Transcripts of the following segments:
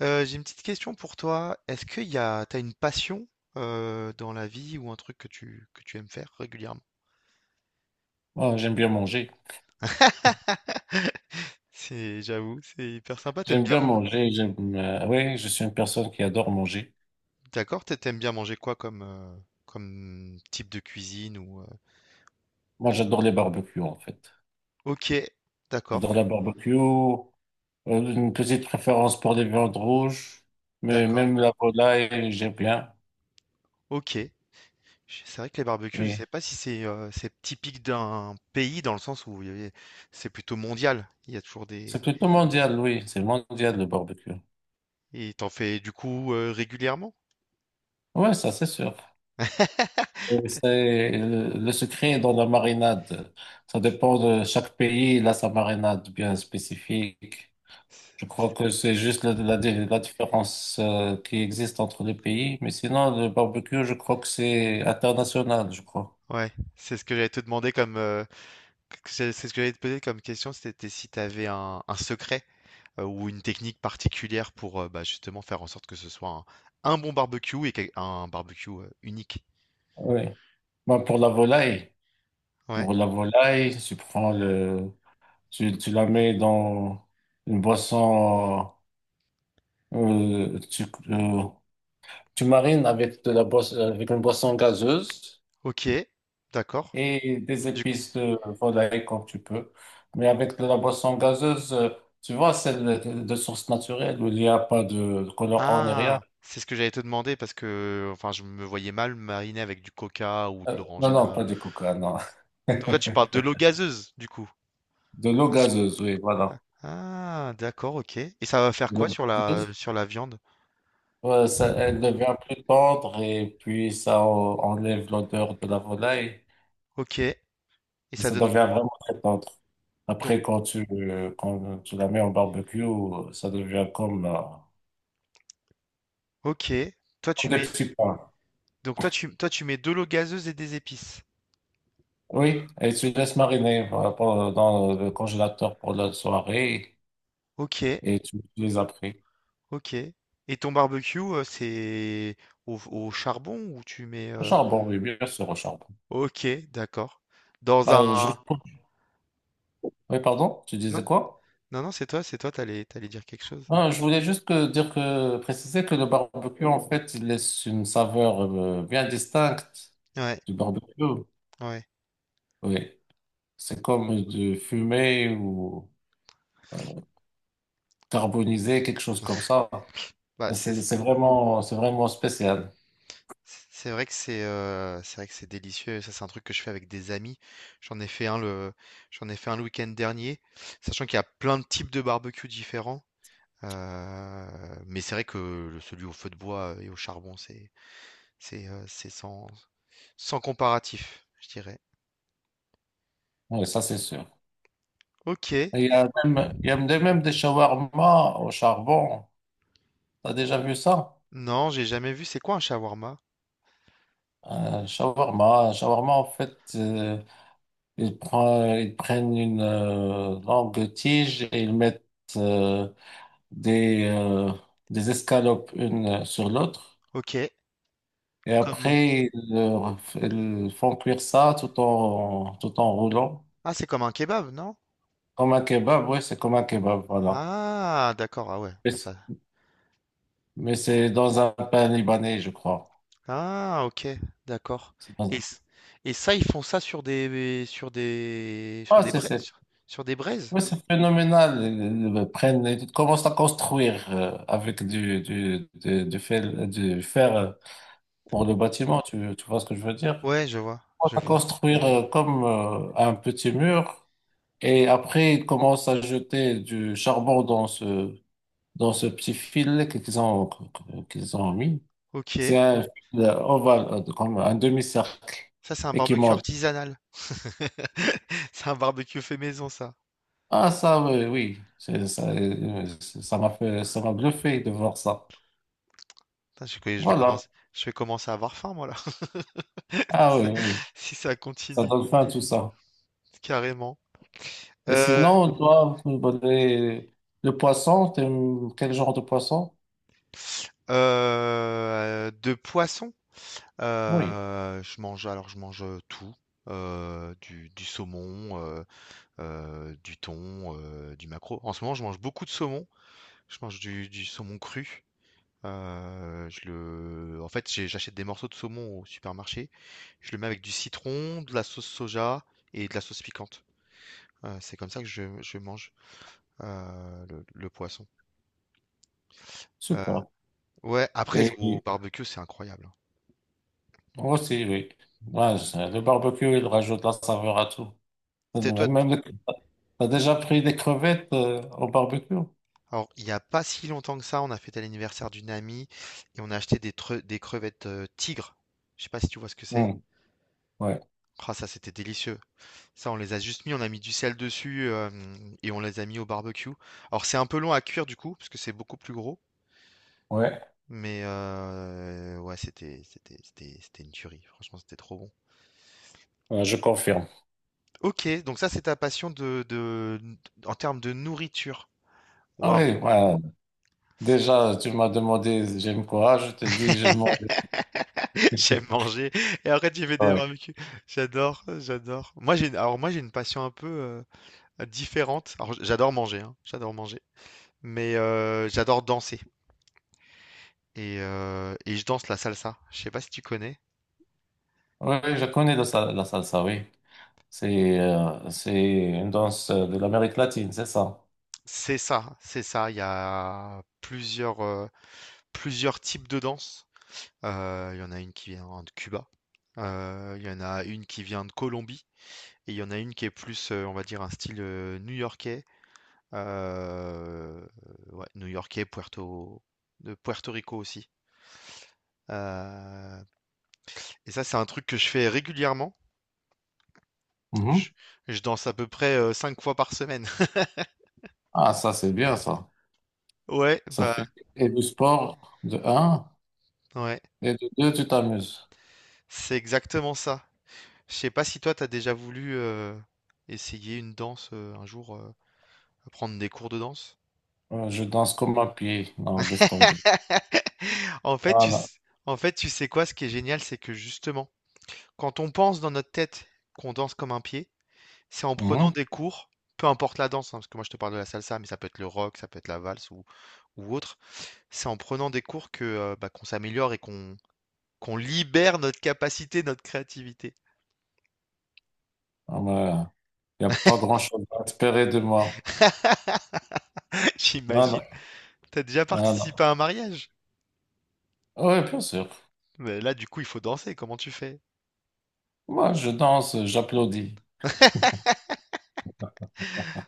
J'ai une petite question pour toi. Est-ce que t'as une passion dans la vie ou un truc que tu aimes faire régulièrement? Oh, j'aime bien manger. J'avoue, c'est hyper sympa. T'aimes J'aime bien, bien man- manger. J'aime, oui, je suis une personne qui adore manger. d'accord? T'aimes bien manger quoi comme comme type de cuisine ou Moi, j'adore les barbecues, en fait. Ok, d'accord, J'adore la barbecue. Une petite préférence pour les viandes rouges. Mais d'accord, même la volaille, j'aime bien. ok. Je- C'est vrai que les barbecues, je Oui. sais pas si c'est c'est typique d'un pays dans le sens où il y a- c'est plutôt mondial. Il y a toujours C'est des plutôt mondial, oui. C'est mondial, le barbecue. et t'en fais du coup régulièrement? Ouais, ça, c'est sûr. Et c'est, le secret est dans la marinade. Ça dépend de chaque pays. Il a sa marinade bien spécifique. Je crois que c'est juste la différence qui existe entre les pays. Mais sinon, le barbecue, je crois que c'est international, je crois. Ouais, c'est ce que j'allais te demander comme que- c'est ce que j'allais te poser comme question, c'était si tu avais un secret ou une technique particulière pour bah, justement faire en sorte que ce soit un bon barbecue et quel- un barbecue unique. Oui. Bah, Ouais, pour la volaille, tu prends tu la mets dans une boisson, euh, tu, euh, tu marines avec de la boisson, avec une boisson gazeuse. ok, d'accord. Et des Du... épices de volaille comme tu peux. Mais avec de la boisson gazeuse, tu vois, celle de source naturelle où il n'y a pas de colorant ni rien. Ah, c'est ce que j'allais te demander parce que enfin je me voyais mal mariner avec du coca ou de Non, non, l'orangina. pas du coca, non. Donc là tu parles de l'eau gazeuse du coup. De l'eau gazeuse, oui, voilà. Ah, d'accord, ok. Et ça va faire De quoi l'eau sur la gazeuse, sur la viande? Ça, elle devient plus tendre et puis enlève l'odeur de la volaille Ok. Et et ça ça donne devient vraiment très tendre. Après, quand tu la mets au barbecue, ça devient comme, OK. Toi, tu comme des mets petits pains. donc toi tu mets de l'eau gazeuse et des épices. Oui, et tu laisses mariner dans le congélateur pour la soirée OK, et tu les après. OK. Et ton barbecue, c'est au au charbon ou tu mets, Au charbon, oui, bien sûr, au charbon. OK, d'accord. Dans un Bah, je- Oui, pardon, tu disais non, quoi? Non, c'est toi, t'allais dire quelque chose. Ah, je voulais juste dire que, préciser que le barbecue, en fait, il laisse une saveur bien distincte Ouais, du barbecue. ouais. Oui, c'est comme de fumer ou euh, carboniser, quelque chose comme ça. Bah, C'est vraiment, c'est vraiment spécial. c'est vrai que c'est vrai que c'est délicieux ça, c'est un truc que je fais avec des amis. J'en ai fait un le J'en ai fait un le week-end dernier, sachant qu'il y a plein de types de barbecue différents. Heu, mais c'est vrai que le celui au feu de bois, et au charbon, c'est sans sans comparatif, je dirais. Oui, ça, c'est sûr. OK. Il y a même, il y a même des shawarma au charbon. T'as déjà vu ça? Non, j'ai jamais vu. C'est quoi un shawarma? Un shawarma, en fait, ils prennent une longue tige et ils mettent euh, des, euh, des escalopes une sur l'autre. OK. Et Comment? après, ils font cuire ça tout en, tout en roulant. Ah, c'est comme un kebab, non? Comme un kebab, oui, c'est comme un kebab, voilà. Ah d'accord, ah ouais, Mais bah c'est ça mais c'est dans un pain libanais, je crois. ah OK, d'accord C'est dans et un... ç ils font ça sur des sur des sur Ah, des c'est braises c'est- sur sur des braises? Oui, c'est phénoménal. Ils prennent, ils commencent à construire avec du fer pour le bâtiment. Tu vois ce que je veux dire? Ouais, Ils commencent je à vois. construire comme un petit mur et après ils commencent à jeter du charbon dans ce petit filet qu'ils ont mis. C'est OK. un fil ovale, comme un demi-cercle Ça, c'est un et qui barbecue monte. artisanal. C'est un barbecue fait maison, ça. Ah, ça, oui, oui. Ça, ça m'a bluffé de voir ça. Putain, Voilà. Je vais commencer à avoir faim, moi, là, si Ah oui, ça, oui, oui. si ça Ça continue, donne faim, tout ça. carrément. Et Euh, sinon, toi, le poisson, t'aimes quel genre de poisson? De poisson, Oui, je mange, alors je mange tout, du saumon, du thon, du maquereau. En ce moment, je mange beaucoup de saumon, je mange du saumon cru. Je le... En fait, j'ai- j'achète des morceaux de saumon au supermarché, je le mets avec du citron, de la sauce soja et de la sauce piquante. C'est comme ça que je mange. Le poisson. Euh, super. ouais, après, Et au et- barbecue, c'est incroyable. Hein. moi aussi, oui. Ouais, le barbecue, il rajoute la saveur à tout. Et t'es- toi, t- Même, les- t'as déjà pris des crevettes au barbecue? alors, il n'y a pas si longtemps que ça, on a fêté l'anniversaire d'une amie et on a acheté des, tre- des crevettes tigres. Je sais pas si tu vois ce que c'est. Oui, ouais, Ah, ça, c'était délicieux. Ça, on les a juste mis, on a mis du sel dessus et on les a mis au barbecue. Alors, c'est un peu long à cuire du coup, parce que c'est beaucoup plus gros. ouais, Mais ouais, c'était une tuerie. Franchement, c'était trop bon. ouais, je confirme. Ok, donc ça, c'est ta passion de en termes de nourriture. Ah Waouh. oui, ouais. Déjà, tu m'as demandé j'aime quoi, je te dis j'aime mon... J'aime manger et après tu fais des barbecues. J'adore, j'adore. Moi j'ai une- alors moi j'ai une passion un peu différente. Alors j- j'adore manger, hein, j'adore manger. Mais j'adore danser et je danse la salsa. Je sais pas si tu connais. Oui, je connais la salsa, oui. C'est c'est une danse de l'Amérique latine, c'est ça? C'est ça, c'est ça. Il y a plusieurs plusieurs types de danse. Il y en a une qui vient de Cuba. Il y en a une qui vient de Colombie et il y en a une qui est plus, on va dire, un style new-yorkais Heu, ouais, new-yorkais, Puerto de Puerto Rico aussi. Heu et ça, c'est un truc que je fais régulièrement. Mhm. Je je danse à peu près, 5 fois par semaine. Ah, ça, c'est bien, ça. Ouais, Ça fait bah, et du sport, de un, ouais, et de deux, tu t'amuses. c'est exactement ça. Je sais pas si toi, t'as déjà voulu, essayer une danse, un jour, prendre des cours de danse? Je danse comme un pied. Non, laisse tomber. En fait, Ah, tu non. s en fait, tu sais quoi? Ce qui est génial, c'est que justement, quand on pense dans notre tête qu'on danse comme un pied C'est en prenant Mhm. des cours, peu importe la danse, hein, parce que moi je te parle de la salsa, mais ça peut être le rock, ça peut être la valse ou autre. C'est en prenant des cours que bah, qu'on s'améliore et qu'on libère notre capacité, notre créativité. Ah, mais il n'y a pas grand-chose à espérer de moi. Non, J'imagine. non, T'as déjà non, participé à un mariage? oui, bien sûr. Mais là, du coup, il faut danser. Comment tu fais? Moi, je danse, j'applaudis.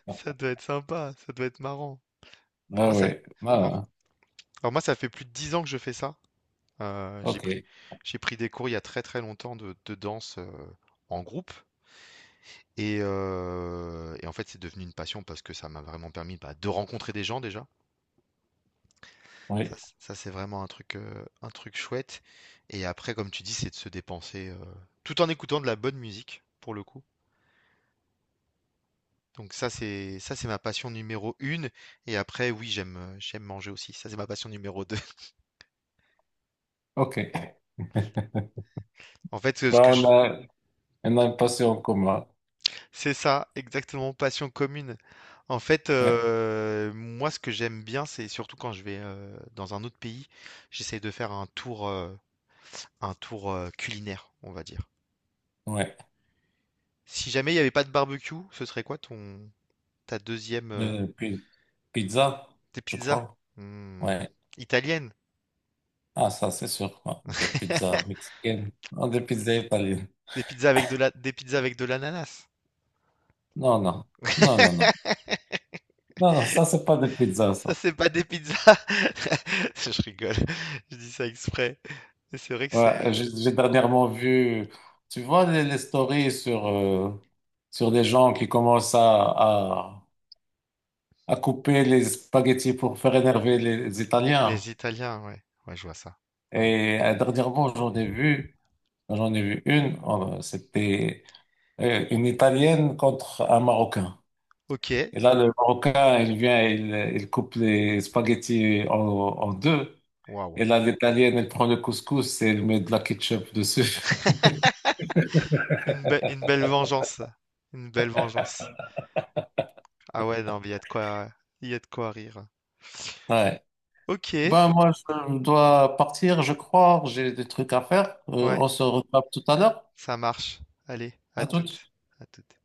Ça doit être sympa, ça doit être marrant. Ah Moi, ça. oui, voilà. Alors moi, ça fait plus de 10 ans que je fais ça. Euh, j'ai pris, OK. j'ai pris des cours il y a très très longtemps de danse en groupe. Et en fait, c'est devenu une passion parce que ça m'a vraiment permis, bah, de rencontrer des gens déjà. Ça Oui, c ça c'est vraiment un truc chouette et après, comme tu dis, c'est de se dépenser, tout en écoutant de la bonne musique, pour le coup. Donc ça, c'est ma passion numéro une. Et après, oui, j'aime, j'aime manger aussi. Ça, c'est ma passion numéro deux. OK. En fait, Ben, ce que je on a dis une passion en commun. C'est ça, exactement, passion commune. En fait, Ouais, moi, ce que j'aime bien, c'est surtout quand je vais, dans un autre pays, j'essaye de faire un tour, un tour culinaire, on va dire. ouais. Si jamais il n'y avait pas de barbecue, ce serait quoi ton ta deuxième Euh, puis, pizza, tes je pizzas crois. Hmm, Ouais. italiennes, Ah, ça, c'est sûr. Ouais. Des pizzas mexicaines. Non, des pizzas italiennes. des pizzas avec de la des pizzas avec de l'ananas. Non, non. Non, non, non. Non, non, ça, c'est pas des pizzas, Ça ça. c'est pas des pizzas. Je rigole. Je dis ça exprès. Mais C'est vrai que c'est Ouais, j'ai dernièrement vu, tu vois, les stories sur, sur des gens qui commencent à couper les spaghettis pour faire énerver les, Italiens. les Italiens, ouais. Ouais, je vois ça. Ouais. Et dernièrement, j'en ai vu une, c'était une Italienne contre un Marocain. OK. Et là, le Marocain, il vient, il coupe les spaghettis en deux. Waouh. Et là, l'Italienne, elle prend le couscous et elle met de la ketchup dessus. Une be- une belle vengeance. Ça. Une belle vengeance. Ah ouais, non, mais il y a de quoi rire. Ouais. OK. Ben, moi, je dois partir, je crois. J'ai des trucs à faire. Ouais. On se retrouve tout à l'heure. Ça marche. Allez, à À tout. toutes. À toutes.